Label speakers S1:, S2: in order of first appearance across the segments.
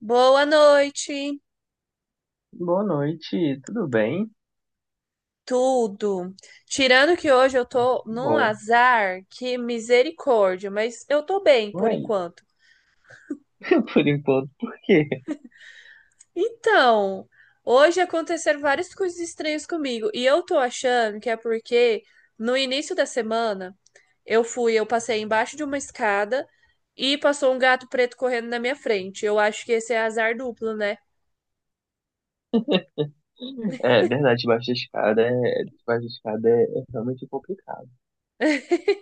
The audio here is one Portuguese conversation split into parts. S1: Boa noite,
S2: Boa noite, tudo bem?
S1: tudo. Tirando que hoje eu tô num
S2: Bom,
S1: azar, que misericórdia, mas eu tô bem por
S2: ué,
S1: enquanto.
S2: por enquanto, por quê?
S1: Então, hoje aconteceram várias coisas estranhas comigo e eu tô achando que é porque no início da semana eu passei embaixo de uma escada e passou um gato preto correndo na minha frente. Eu acho que esse é azar duplo, né?
S2: É verdade, debaixo da escada é, é realmente complicado.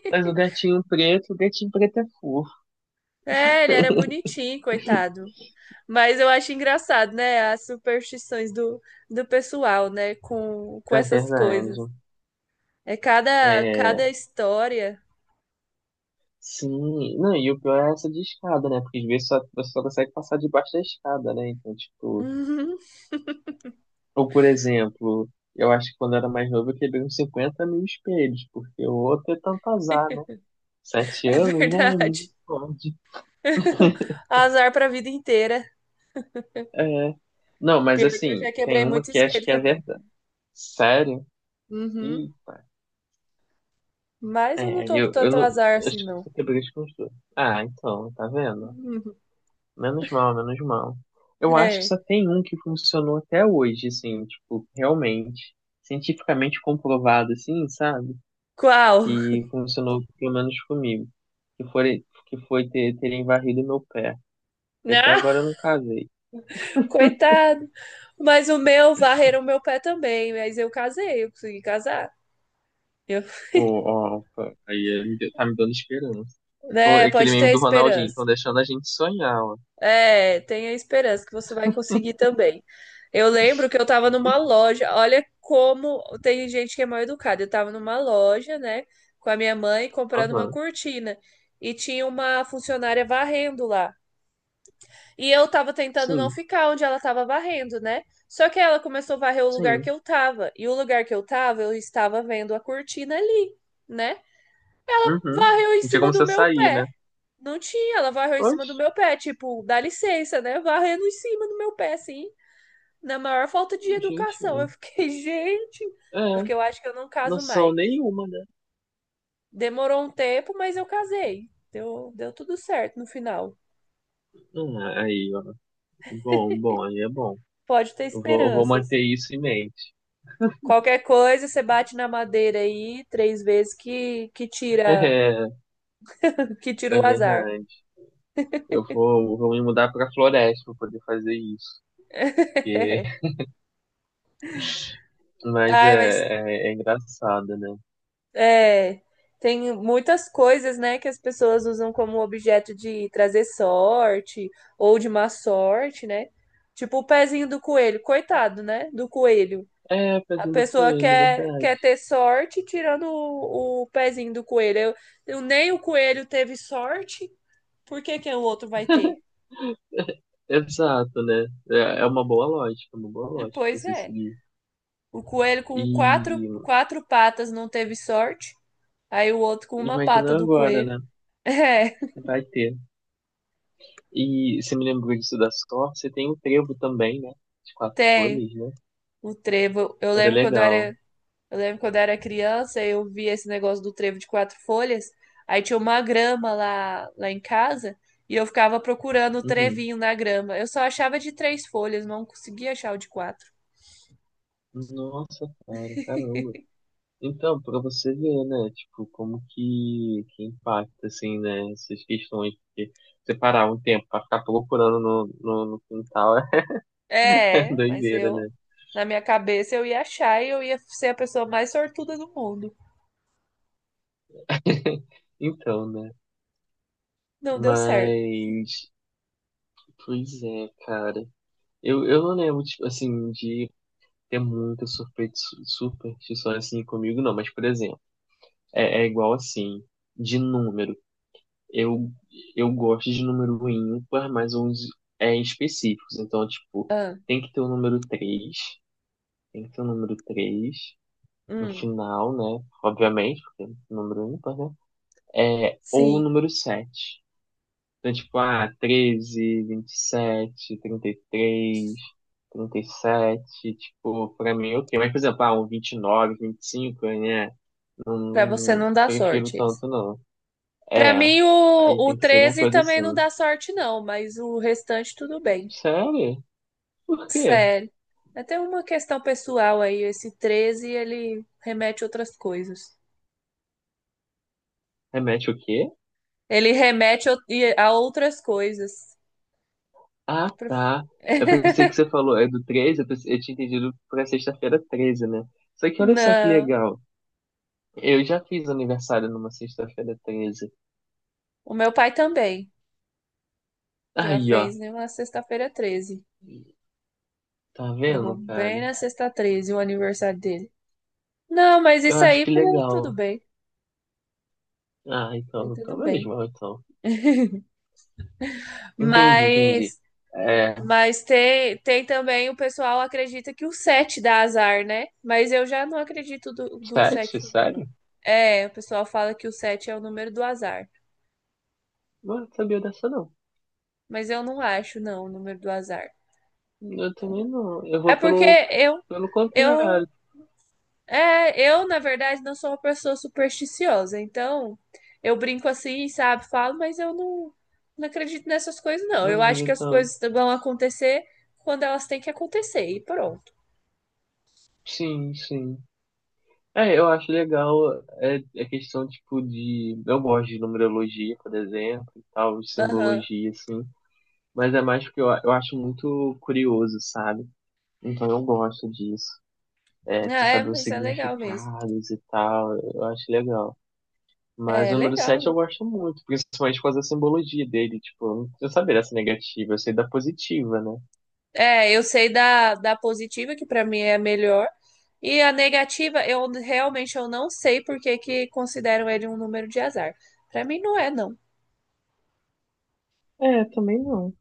S2: Mas o gatinho preto é fofo.
S1: É, ele era bonitinho, coitado. Mas eu acho engraçado, né? As superstições do pessoal, né? Com
S2: É
S1: essas
S2: verdade.
S1: coisas. É cada,
S2: É,
S1: cada história.
S2: sim, não, e o pior é essa de escada, né? Porque às vezes só, você só consegue passar debaixo da escada, né? Então, tipo,
S1: Uhum,
S2: ou por exemplo, eu acho que quando eu era mais novo eu quebrei uns 50 mil espelhos, porque o outro é tanto azar, né? Sete
S1: é
S2: anos, né?
S1: verdade.
S2: Misericórdia.
S1: Azar pra vida inteira.
S2: É. Não, mas
S1: Pior que eu
S2: assim,
S1: já quebrei
S2: tem uma
S1: muito
S2: que acho
S1: espelho
S2: que é
S1: também.
S2: verdade. Sério?
S1: Uhum.
S2: Eita.
S1: Mas eu não
S2: É,
S1: tô com
S2: eu
S1: tanto
S2: não.
S1: azar
S2: Acho
S1: assim,
S2: que
S1: não.
S2: você quebrou de construir. Ah, então, tá vendo?
S1: Uhum.
S2: Menos mal, menos mal. Eu acho que
S1: É.
S2: só tem um que funcionou até hoje, assim, tipo, realmente. Cientificamente comprovado, assim, sabe?
S1: Qual?
S2: Que funcionou pelo menos comigo. Que foi terem varrido meu pé. E até
S1: Ah,
S2: agora eu não casei.
S1: coitado. Mas o meu, varreram o meu pé também. Mas eu casei, eu consegui casar. Eu,
S2: Pô, ó, opa, tá me dando esperança. Então,
S1: né?
S2: é aquele
S1: Pode
S2: meme
S1: ter
S2: do Ronaldinho,
S1: esperança.
S2: estão deixando a gente sonhar, ó.
S1: É, tenha esperança que você vai conseguir também. Eu lembro que eu tava numa loja, olha como tem gente que é mal educada. Eu tava numa loja, né, com a minha mãe comprando uma
S2: Aham.
S1: cortina e tinha uma funcionária varrendo lá. E eu tava tentando não
S2: Sim,
S1: ficar onde ela tava varrendo, né? Só que ela começou a varrer o lugar
S2: sim.
S1: que eu tava. E o lugar que eu tava, eu estava vendo a cortina ali, né?
S2: Uhum.
S1: Varreu em
S2: Não tinha
S1: cima
S2: como
S1: do
S2: você
S1: meu
S2: sair, né?
S1: pé. Não tinha, ela varreu em cima do
S2: Oxe,
S1: meu pé, tipo, dá licença, né? Varrendo em cima do meu pé, assim, na maior falta de
S2: gente.
S1: educação. Eu fiquei, gente, é
S2: É,
S1: porque eu acho que eu não caso
S2: noção
S1: mais.
S2: nenhuma, né?
S1: Demorou um tempo, mas eu casei. Deu, deu tudo certo no final.
S2: Ah, aí, ó. Bom, bom, aí é bom.
S1: Pode ter
S2: Eu vou
S1: esperanças.
S2: manter isso em mente.
S1: Qualquer coisa, você bate na madeira aí três vezes que, que tira que tira
S2: É, é
S1: o azar.
S2: verdade. Eu vou me mudar pra floresta pra poder fazer isso. Porque- Mas é,
S1: Ai, mas
S2: é, é engraçado, né?
S1: é, tem muitas coisas, né, que as pessoas usam como objeto de trazer sorte ou de má sorte, né? Tipo o pezinho do coelho, coitado, né? Do coelho.
S2: É,
S1: A
S2: fazendo com
S1: pessoa
S2: ele,
S1: quer
S2: verdade.
S1: ter sorte tirando o pezinho do coelho. Nem o coelho teve sorte, por que que o outro vai ter?
S2: Exato, né? É uma boa lógica, é uma boa lógica de
S1: Pois
S2: você
S1: é.
S2: seguir.
S1: O coelho com quatro,
S2: E
S1: quatro patas não teve sorte, aí o outro com uma
S2: imagina
S1: pata do
S2: agora,
S1: coelho.
S2: né?
S1: É,
S2: Vai ter. E você me lembrou disso da sorte, tem o trevo também, né? De quatro
S1: tem.
S2: folhas, né?
S1: O trevo.
S2: Era legal.
S1: Eu lembro quando eu era criança, eu vi esse negócio do trevo de quatro folhas. Aí tinha uma grama lá em casa e eu ficava procurando o
S2: Uhum.
S1: trevinho na grama. Eu só achava de três folhas, não conseguia achar o de quatro.
S2: Nossa, cara, caramba. Então, pra você ver, né? Tipo, como que impacta, assim, né? Essas questões. Porque separar um tempo pra ficar procurando no quintal é
S1: É, mas
S2: doideira, né?
S1: eu, na minha cabeça, eu ia achar e eu ia ser a pessoa mais sortuda do mundo.
S2: Então, né?
S1: Não deu certo.
S2: Mas. Pois é, cara. Eu não lembro, tipo, assim, de ter muita superstição assim comigo, não. Mas, por exemplo, é, é igual assim, de número. Eu, eu gosto de número ímpar, mas uns é, específicos. Então, tipo,
S1: Ah,
S2: tem que ter o número 3 Tem que ter o número 3 no
S1: hum,
S2: final, né? Obviamente, porque é número ímpar, né? É, ou o
S1: sim,
S2: número sete. Então, tipo, ah, treze vinte e sete trinta e três trinta e sete tipo, pra mim, ok. Mas, por exemplo, ah, um vinte vinte e nove vinte e cinco, né? Não,
S1: pra você
S2: não
S1: não dar
S2: prefiro
S1: sorte. Isso.
S2: tanto, não.
S1: Pra
S2: É,
S1: mim,
S2: aí
S1: o
S2: tem que ser alguma
S1: 13
S2: coisa
S1: também não
S2: assim.
S1: dá sorte, não, mas o restante tudo bem.
S2: Sério? Por quê?
S1: Sério. É até uma questão pessoal aí, esse 13 ele remete a outras coisas.
S2: Remete o quê?
S1: Ele remete a outras coisas.
S2: Ah,
S1: Pro-
S2: tá. Eu pensei que você falou, é do 13 eu, pensei, eu tinha entendido pra sexta-feira 13, né? Só que olha só que
S1: Não,
S2: legal. Eu já fiz aniversário numa sexta-feira 13.
S1: o meu pai também já
S2: Aí, ó.
S1: fez né, uma sexta-feira treze.
S2: Tá
S1: Pegou
S2: vendo, cara?
S1: bem na sexta 13 o aniversário dele. Não, mas
S2: Eu
S1: isso
S2: acho
S1: aí
S2: que
S1: né, tudo
S2: legal.
S1: bem,
S2: Ah, então,
S1: tudo
S2: então menos
S1: bem.
S2: mal, então. Entendi, entendi.
S1: Mas
S2: É,
S1: Mas tem, tem também o pessoal acredita que o 7 dá azar, né? Mas eu já não acredito do 7
S2: sete,
S1: também,
S2: sério?
S1: não. É, o pessoal fala que o 7 é o número do azar.
S2: Não sabia dessa, não.
S1: Mas eu não acho, não, o número do azar.
S2: Eu também não. Eu
S1: É
S2: vou
S1: porque
S2: pelo,
S1: eu,
S2: pelo contrário.
S1: eu, eu, na verdade, não sou uma pessoa supersticiosa. Então, eu brinco assim, sabe? Falo, mas eu não, não acredito nessas coisas, não.
S2: Não
S1: Eu acho que
S2: ligo
S1: as
S2: tanto.
S1: coisas vão acontecer quando elas têm que acontecer, e pronto.
S2: Sim, sim. É, eu acho legal, é, é questão, tipo, de... Eu gosto de numerologia, por exemplo, e tal, de
S1: Aham.
S2: simbologia, assim. Mas é mais porque eu acho muito curioso, sabe? Então eu gosto disso. É,
S1: Ah,
S2: de você
S1: é,
S2: saber os
S1: mas é legal mesmo.
S2: significados e tal, eu acho legal. Mas
S1: É,
S2: o número
S1: legal,
S2: 7 eu
S1: né?
S2: gosto muito, principalmente por causa da simbologia dele. Tipo, eu não preciso saber dessa negativa, eu sei da positiva, né?
S1: É, eu sei da positiva, que pra mim é a melhor, e a negativa, eu realmente eu não sei por que que consideram ele um número de azar. Pra mim não é, não.
S2: É, também não.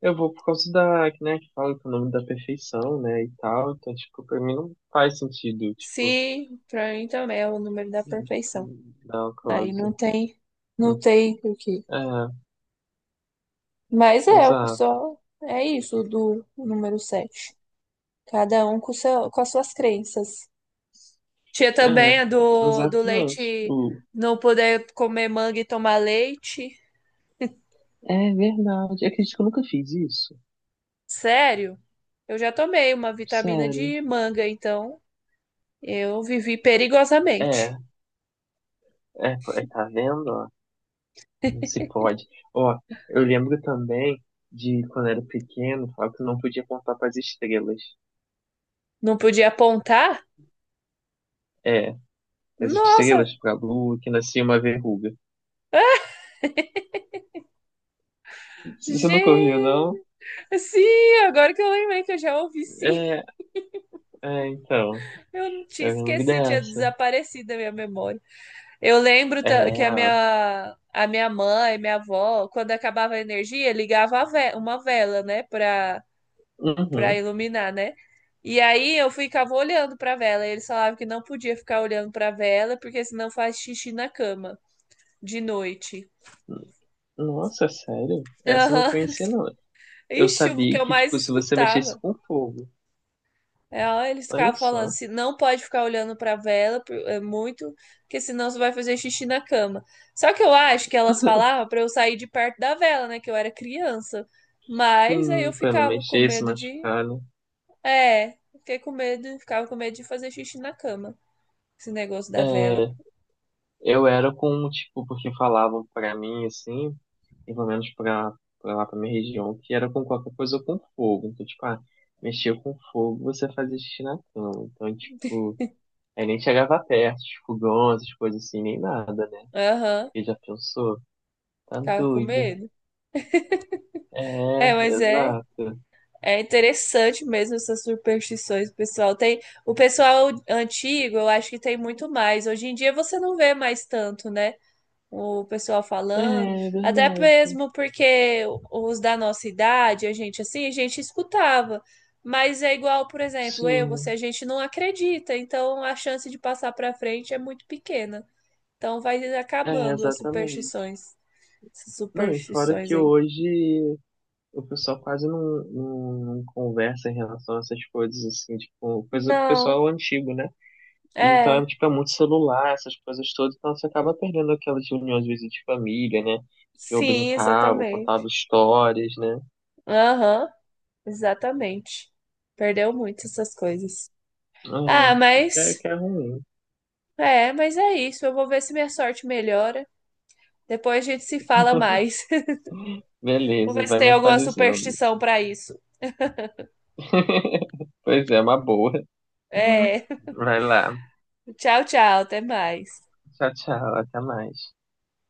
S2: Eu vou por causa da, que, né, que fala que é o nome da perfeição, né, e tal. Então, tipo, pra mim não faz sentido, tipo,
S1: Sim, pra mim também é o número da perfeição.
S2: dar uma
S1: Aí não
S2: coisa.
S1: tem, não tem por.
S2: É,
S1: Mas é, o
S2: exato.
S1: pessoal, é isso do número 7. Cada um com, seu, com as suas crenças. Tinha
S2: É,
S1: também a do
S2: exatamente.
S1: leite,
S2: O-
S1: não poder comer manga e tomar leite.
S2: É verdade. Eu acredito que eu nunca fiz isso.
S1: Sério? Eu já tomei uma vitamina
S2: Sério.
S1: de manga, então eu vivi
S2: É,
S1: perigosamente.
S2: é, é, tá vendo? Não se pode. Ó, eu lembro também de quando era pequeno, falar que não podia contar para as estrelas.
S1: Não podia apontar?
S2: É, as estrelas
S1: Nossa!
S2: para a lua, que nascia uma verruga.
S1: Ah,
S2: Você nunca ouviu, não?
S1: gente, sim, agora que eu lembrei que eu já ouvi sim,
S2: É, é, então.
S1: eu não tinha
S2: Eu lembro
S1: esquecido, tinha
S2: dessa.
S1: desaparecido da minha memória. Que
S2: É,
S1: a minha mãe, minha avó, quando acabava a energia, ligava uma vela, né, para para
S2: uhum.
S1: iluminar, né? E aí eu ficava olhando para vela. E eles falavam que não podia ficar olhando para vela porque senão faz xixi na cama de noite.
S2: Nossa, sério? Essa eu não
S1: Aham.
S2: conhecia, não. Eu
S1: Ixi, o que
S2: sabia
S1: eu
S2: que,
S1: mais
S2: tipo, se você mexesse
S1: escutava.
S2: com fogo,
S1: É, ó, eles
S2: olha
S1: ficavam falando,
S2: só.
S1: se não pode ficar olhando para vela é muito, porque senão você vai fazer xixi na cama. Só que eu acho que elas falavam para eu sair de perto da vela, né, que eu era criança. Mas aí eu
S2: Sim, pra não
S1: ficava com
S2: mexer, se
S1: medo de,
S2: machucar, né?
S1: ficava com medo de fazer xixi na cama. Esse negócio da vela.
S2: É, eu era com, tipo, porque falavam pra mim, assim, e pelo menos pra lá, pra minha região, que era com qualquer coisa ou com fogo. Então, tipo, ah, mexia com fogo, você fazia xixi na cama. Então, tipo, aí nem chegava perto, de fogão, essas coisas assim, nem nada, né?
S1: Aham,
S2: Porque já pensou? Tá
S1: ficava com
S2: doido.
S1: medo. É,
S2: É,
S1: mas
S2: exato.
S1: é interessante mesmo essas superstições, pessoal. Tem o pessoal antigo, eu acho que tem muito mais. Hoje em dia você não vê mais tanto, né? O pessoal
S2: É,
S1: falando,
S2: é
S1: até
S2: verdade.
S1: mesmo porque os da nossa idade, a gente assim, a gente escutava. Mas é igual, por exemplo, eu, você,
S2: Sim,
S1: a gente não acredita, então a chance de passar para frente é muito pequena. Então vai
S2: é,
S1: acabando as
S2: exatamente.
S1: superstições. Essas
S2: Não, e fora
S1: superstições
S2: que
S1: aí.
S2: hoje o pessoal quase não, não, não conversa em relação a essas coisas, assim, tipo, coisa do
S1: Não,
S2: pessoal antigo, né? E então, é,
S1: é.
S2: tipo, é muito celular, essas coisas todas, então você acaba perdendo aquelas reuniões, às vezes, de família, né? Que eu
S1: Sim,
S2: brincava, eu contava
S1: exatamente.
S2: histórias, né?
S1: Aham, exatamente. Perdeu muito essas coisas. Ah,
S2: Uhum. Que é,
S1: mas.
S2: que é ruim.
S1: É, mas é isso. Eu vou ver se minha sorte melhora. Depois a gente se fala mais. Vou
S2: Beleza,
S1: ver se
S2: vai
S1: tem
S2: me
S1: alguma
S2: atualizando.
S1: superstição pra isso.
S2: Pois é, é uma boa.
S1: É.
S2: Vai lá.
S1: Tchau, tchau. Até mais.
S2: Tchau, tchau, até mais.